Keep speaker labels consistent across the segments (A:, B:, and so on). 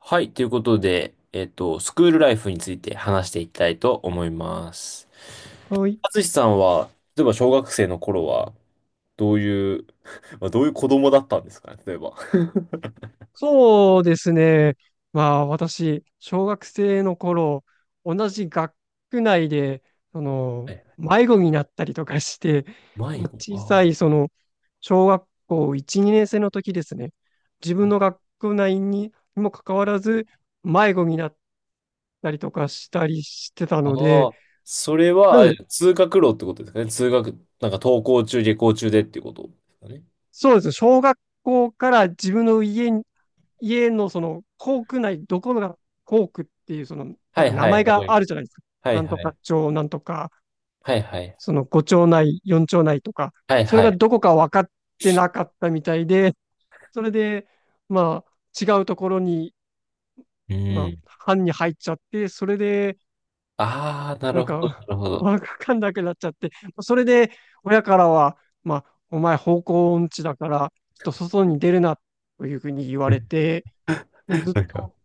A: はい、ということで、スクールライフについて話していきたいと思います。
B: はい。
A: 淳さんは、例えば小学生の頃は、どういう、まあ、どういう子供だったんですかね、例えば。
B: そうですね。まあ私、小学生の頃、同じ学区内で、その、
A: え、
B: 迷子になったりとかして、
A: 迷子、
B: 小さ
A: あ
B: い、その、小学校1、2年生の時ですね。自分
A: ー
B: の学区内にもかかわらず、迷子になったりとかしたりしてた
A: あ
B: ので、
A: ー、それ
B: ま
A: は、あれ
B: ず、
A: 通学路ってことですかね。なんか登校中、下校中でっていうことですかね。
B: そうです。小学校から自分の家のその校区内、どこが校区っていう、その、なん
A: は
B: か
A: い
B: 名
A: は
B: 前
A: い、わか
B: が
A: り
B: あ
A: ま
B: る
A: す。
B: じゃないですか。
A: は
B: な
A: い
B: んと
A: は
B: か
A: い。
B: 町、なんとか、
A: はいはい。
B: その5町内、4町内とか、
A: はい
B: それ
A: は
B: が
A: い。
B: どこか分かってなかったみたいで、それで、まあ、違うところに、
A: う
B: まあ、
A: ん。
B: 班に入っちゃって、それで、
A: ああ、な
B: なん
A: るほど、
B: か、
A: なるほど。
B: わかんなくなっちゃって、それで、親からは、まあ、お前方向音痴だから、ちょっと外に出るな、というふうに言われて、ずっと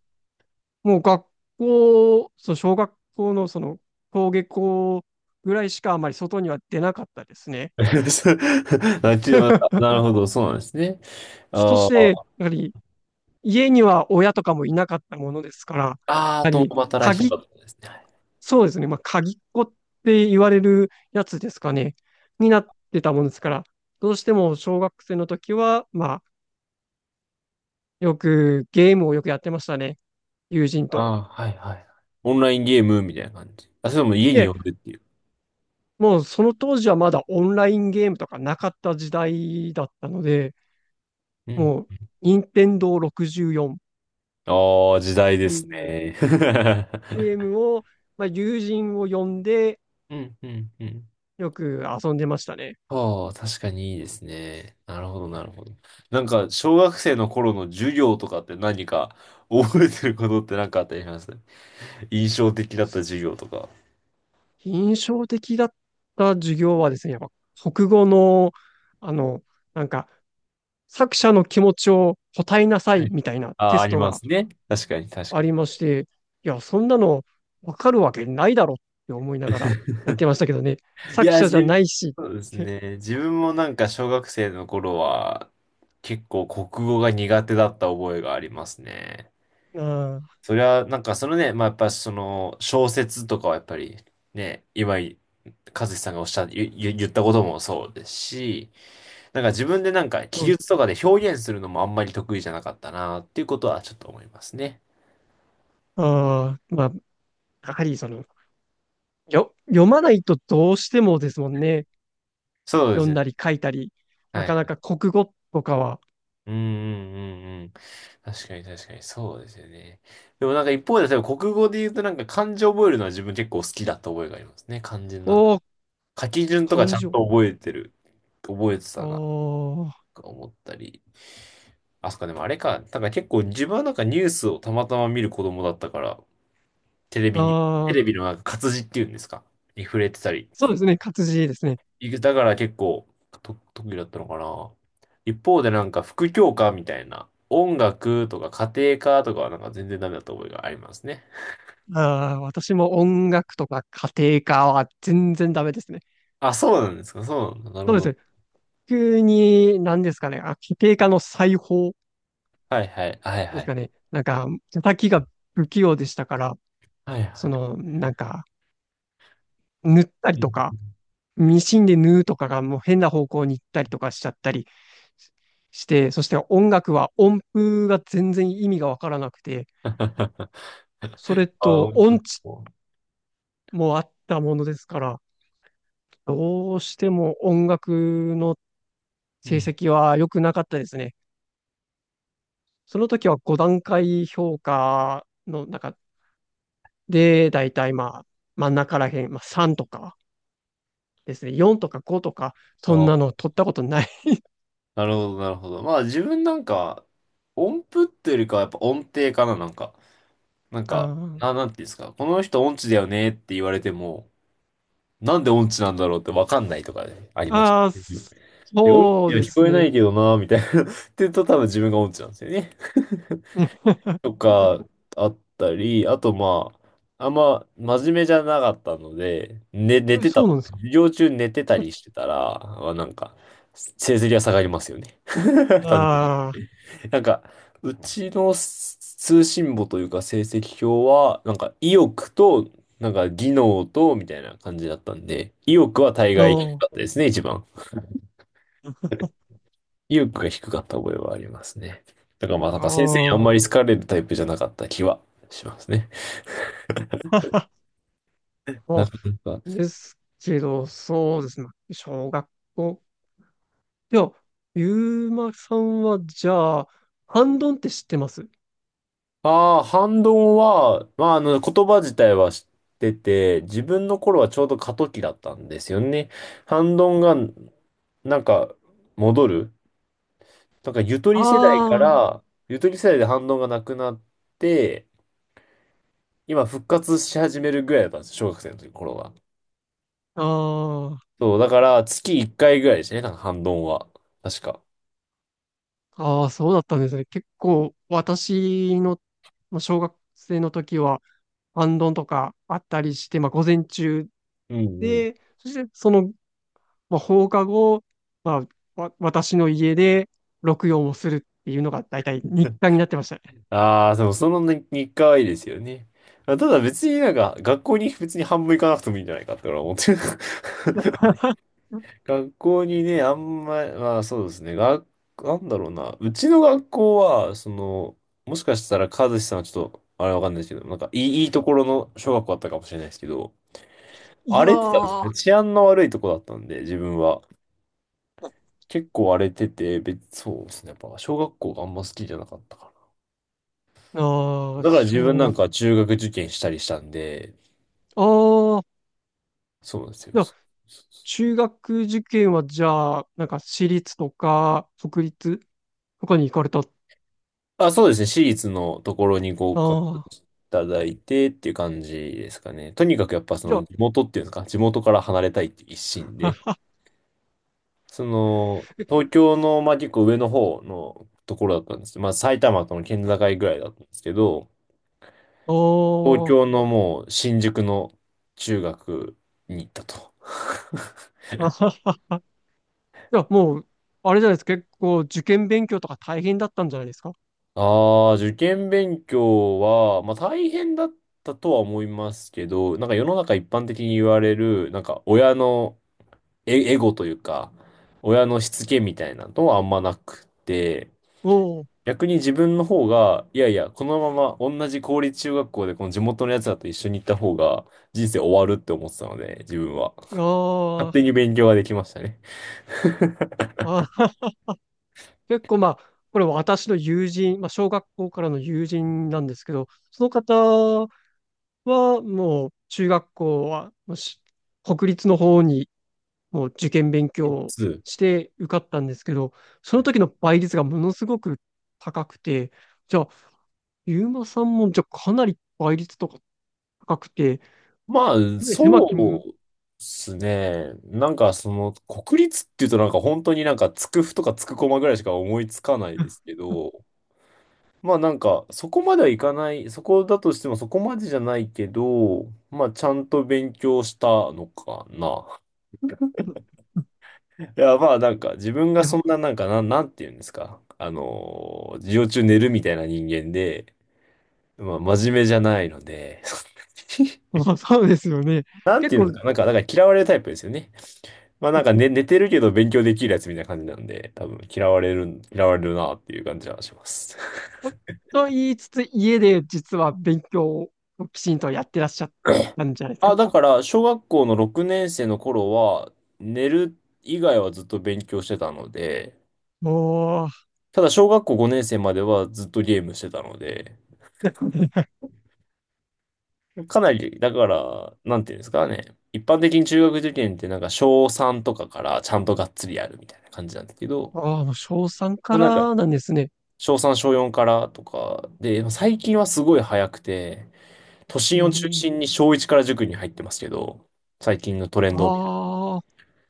B: もう学校、その小学校のその、登下校ぐらいしかあまり外には出なかったですね。
A: あちななるほど、そうなんですね。
B: そ
A: あ
B: して、
A: ー
B: やはり、家には親とかもいなかったものですから、や
A: あー、
B: は
A: 共
B: り、
A: 働きとか
B: 鍵、
A: だったんですね。
B: そうですね、まあ、鍵っ子って言われるやつですかね、になってたものですから、どうしても小学生の時は、まあ、よく、ゲームをよくやってましたね、友人と。
A: ああー、はいはい。オンラインゲームみたいな感じ。あ、それも家
B: い
A: に
B: え、
A: 呼んでっていう。
B: もうその当時はまだオンラインゲームとかなかった時代だったので、
A: うん。
B: もう、任天堂64っ
A: ああ、時代で
B: て
A: す
B: いう
A: ね。
B: ゲー ムを、まあ、友人を呼んで、
A: うん、うん、うん。
B: よく遊んでましたね。
A: ああ、確かにいいですね。なるほど、なるほど。なんか、小学生の頃の授業とかって何か覚えてることって何かあったりします。印象的だった授業とか。
B: 印象的だった授業はですね、やっぱ、国語の、あの、なんか、作者の気持ちを答えなさ
A: は
B: い
A: い。
B: みたいな
A: あ
B: テ
A: あ、あ
B: ス
A: り
B: ト
A: ま
B: が
A: すね。確かに、確か
B: あ
A: に。
B: りまして、いや、そんなのわかるわけないだろって思いながら やってましたけどね、
A: い
B: 作
A: や、
B: 者じゃないしっ
A: そうです
B: て、
A: ね。自分もなんか小学生の頃は結構国語が苦手だった覚えがありますね。
B: ああ、
A: それはなんかそのね、まあやっぱその小説とかはやっぱりね、和志さんがおっしゃ、言、言言ったこともそうですし、なんか自分でなんか記
B: そうで
A: 述と
B: す。
A: かで表現するのもあんまり得意じゃなかったなっていうことはちょっと思いますね。
B: ああ、まあ、やはりその、読まないとどうしてもですもんね。
A: そうで
B: 読
A: す
B: ん
A: ね。
B: だり書いたり。な
A: は
B: か
A: い。
B: なか国語とかは。
A: うんうんうんうん。確かに確かに、そうですよね。でもなんか一方で、例えば国語で言うとなんか漢字覚えるのは自分結構好きだった覚えがありますね。漢字のなんか
B: おー、
A: 書き順とかち
B: 漢
A: ゃ
B: 字
A: ん
B: を。
A: と覚えて
B: あ
A: たな、
B: ー、
A: とか思ったり。あ、そっか、でもあれか、なんか結構自分はなんかニュースをたまたま見る子供だったから、テレビに、
B: あ
A: テ
B: ー、
A: レビのなんか活字っていうんですか、に触れてたり
B: そうですね。活字ですね。
A: いくだから結構と特技だったのかな。一方でなんか副教科みたいな、音楽とか家庭科とかはなんか全然ダメだった覚えがありますね。
B: あー、私も音楽とか家庭科は全然ダメですね。
A: あ、そうなんですか、そうなんだ。なる
B: そ
A: ほ
B: うです
A: ど。
B: ね。急に、何ですかね。あ、家庭科の裁縫
A: はいはい、はいは
B: です
A: い。
B: かね。なんか、叩きが不器用でしたから、
A: はい
B: そ
A: は
B: の、なんか、塗ったりとか、
A: い。
B: ミシンで縫うとかがもう変な方向に行ったりとかしちゃったりして、そして音楽は音符が全然意味がわからなくて、それ
A: あ、
B: と
A: 音符。
B: 音痴もあったものですから、どうしても音楽の
A: う
B: 成
A: ん。
B: 績は良くなかったですね。その時は5段階評価の中で、だいたいまあ真ん中らへん、まあ3とかですね、4とか5とか、そんなの
A: あ、
B: 取ったことない。
A: なるほど、なるほど。まあ自分なんか、音符っていうよりかはやっぱ音程かな、なんか。なん
B: あ
A: か、
B: ー、
A: なんていうんですか。この人音痴だよねって言われても、なんで音痴なんだろうってわかんないとかね、ありました。
B: あ
A: うん。
B: ー、
A: で音痴
B: そう
A: には
B: で
A: 聞
B: す
A: こえな
B: ね。
A: いけどな、みたいな。って言うと多分自分が音痴なんですよね。
B: う
A: と
B: ん
A: か、あったり、あとまあ、あんま真面目じゃなかったので、ね、寝
B: え、
A: てた
B: そう
A: と
B: なんです
A: かね、
B: か。
A: 授業中寝てたりしてたら、まあ、なんか、成績が下がりますよね。単純に。
B: あ
A: なんか、うちの通信簿というか成績表は、なんか意欲と、なんか技能と、みたいな感じだったんで、意欲は大
B: あ、
A: 概低かっ
B: あ
A: たですね、一番。意欲が低かった覚えはありますね。だからまあなん
B: あ、
A: か先生にあんま
B: あ
A: り好かれるタイプじゃなかった気はしますね。
B: あ、
A: なん
B: そ
A: か、なん
B: う
A: か
B: ですけど、そうですね。小学校。いや、ゆうまさんは、じゃあ、ハンドンって知ってます？
A: ああ、反動は、まああの言葉自体は知ってて、自分の頃はちょうど過渡期だったんですよね。反動がなんか戻る。なんかゆとり世代か
B: あ
A: ら、ゆとり世代で反動がなくなって、今復活し始めるぐらいだったんです小学生の時頃は。
B: あ、ああ、
A: そう、だから月1回ぐらいですね、なんか反動は。確か。
B: ああ、そうだったんですね。結構、私の、まあ小学生の時は、アンドンとかあったりして、まあ、午前中
A: うん。
B: で、そして、そのまあ、放課後、まあ、私の家で録音をするっていうのが大体日課になってましたね。
A: ああ、でもその日日課はいいですよね。あ、ただ別になんか学校に別に半分行かなくてもいいんじゃないかって俺は思ってる。
B: うん、
A: 学校にね、あんま、まあそうですね。なんだろうな。うちの学校は、その、もしかしたら和志さんはちょっと、あれわかんないですけど、なんかいいところの小学校だったかもしれないですけど、
B: い
A: 荒
B: や
A: れてたんで
B: ー、
A: すね。治安の悪いとこだったんで、自分は。結構荒れてて、そうですね。やっぱ小学校があんま好きじゃなかったか
B: あ
A: な。
B: あ、
A: だから自分なんか中学受験したりしたんで、
B: ああ、
A: そうなんですよ。
B: じゃあ
A: そうそうそう。
B: 中学受験はじゃあ、なんか私立とか、国立とかに行かれた。あ
A: あ、そうですね。私立のところに合格
B: あ、
A: いただいてっていう感じですかね。とにかくやっぱそ
B: じゃ
A: の
B: あ、
A: 地元っていうんですか、地元から離れたいっていう一心で、
B: あ、
A: その、
B: え、
A: 東京の、まあ、結構上の方のところだったんですけど、まあ、埼玉との県境ぐらいだったんですけど、
B: あ
A: 東
B: あ、
A: 京のもう新宿の中学に行ったと。
B: あは じゃあもう、あれじゃないですか、結構受験勉強とか大変だったんじゃないですか？
A: ああ、受験勉強は、まあ大変だったとは思いますけど、なんか世の中一般的に言われる、なんか親のエゴというか、親のしつけみたいなのはあんまなくて、
B: お
A: 逆に自分の方が、いやいや、このまま同じ公立中学校でこの地元のやつらと一緒に行った方が人生終わるって思ってたので、自分は。勝
B: お、
A: 手
B: あ
A: に勉強ができましたね。
B: あ、あ、結構まあ、これ私の友人、まあ、小学校からの友人なんですけど、その方はもう中学校はもう国立の方にもう受験勉強
A: い
B: を
A: つ
B: して受かったんですけど、その時の倍率がものすごく高くて、じゃあ、ゆうまさんもじゃあかなり倍率とか高くて、か
A: まあ、
B: なり狭き
A: そ
B: 門、
A: うですね。なんかその、国立っていうとなんか本当になんかつくふとかつくこまぐらいしか思いつかないですけど、まあなんかそこまではいかない、そこだとしてもそこまでじゃないけど、まあちゃんと勉強したのかな。いやまあなんか自分
B: い
A: が
B: や、
A: そんななんかなんて言うんですか。授業中寝るみたいな人間で、まあ真面目じゃないので、
B: まあそうですよね。
A: なん
B: 結
A: て言うんで
B: 構
A: すか。なんか、だから嫌われるタイプですよね。まあなんか寝てるけど勉強できるやつみたいな感じなんで、多分嫌われるなっていう感じはします。
B: と言いつつ、家で実は勉強をきちんとやってらっしゃったんじゃないです
A: あ、
B: か？
A: だから小学校の6年生の頃は寝る以外はずっと勉強してたので、
B: おー。
A: ただ小学校5年生まではずっとゲームしてたので、かなり、だから、なんていうんですかね。一般的に中学受験ってなんか小3とかからちゃんとがっつりやるみたいな感じなんですけど、
B: ああ、もう小3
A: ま
B: か
A: あなんか
B: らなんですね。
A: 小3小4からとかで、最近はすごい早くて、都
B: へ
A: 心を中
B: え。
A: 心に小1から塾に入ってますけど、最近のトレンドを見る
B: ああ、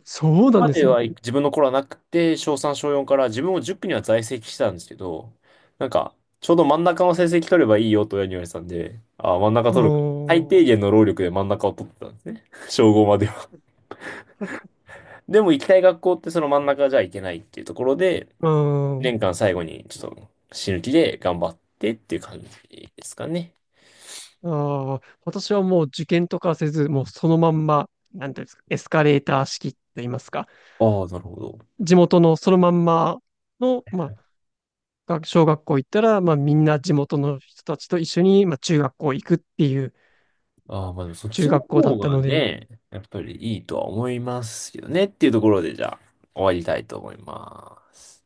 B: そうなん
A: ま
B: で
A: で
B: すね。
A: は自分の頃はなくて、小3、小4から自分も塾には在籍してたんですけど、なんか、ちょうど真ん中の成績取ればいいよと親に言われてたんで、ああ、真ん中
B: う
A: 取るか。
B: ーん。
A: 最
B: う
A: 低限の労力で真ん中を取ってたんですね。小5までは。でも行きたい学校ってその真ん中じゃいけないっていうところで、
B: ーん。
A: 年間最後にちょっと死ぬ気で頑張ってっていう感じですかね。
B: ああ、私はもう受験とかせず、もうそのまんま、なんていうんですか、エスカレーター式と言いますか、
A: ああ、なるほど。
B: 地元のそのまんまの、まあ、小学校行ったら、まあ、みんな地元の人たちと一緒に、まあ、中学校行くっていう
A: ああ、まあでもそっ
B: 中
A: ちの
B: 学校だ
A: 方
B: った
A: が
B: ので。
A: ね、やっぱりいいとは思いますよねっていうところで、じゃあ、終わりたいと思います。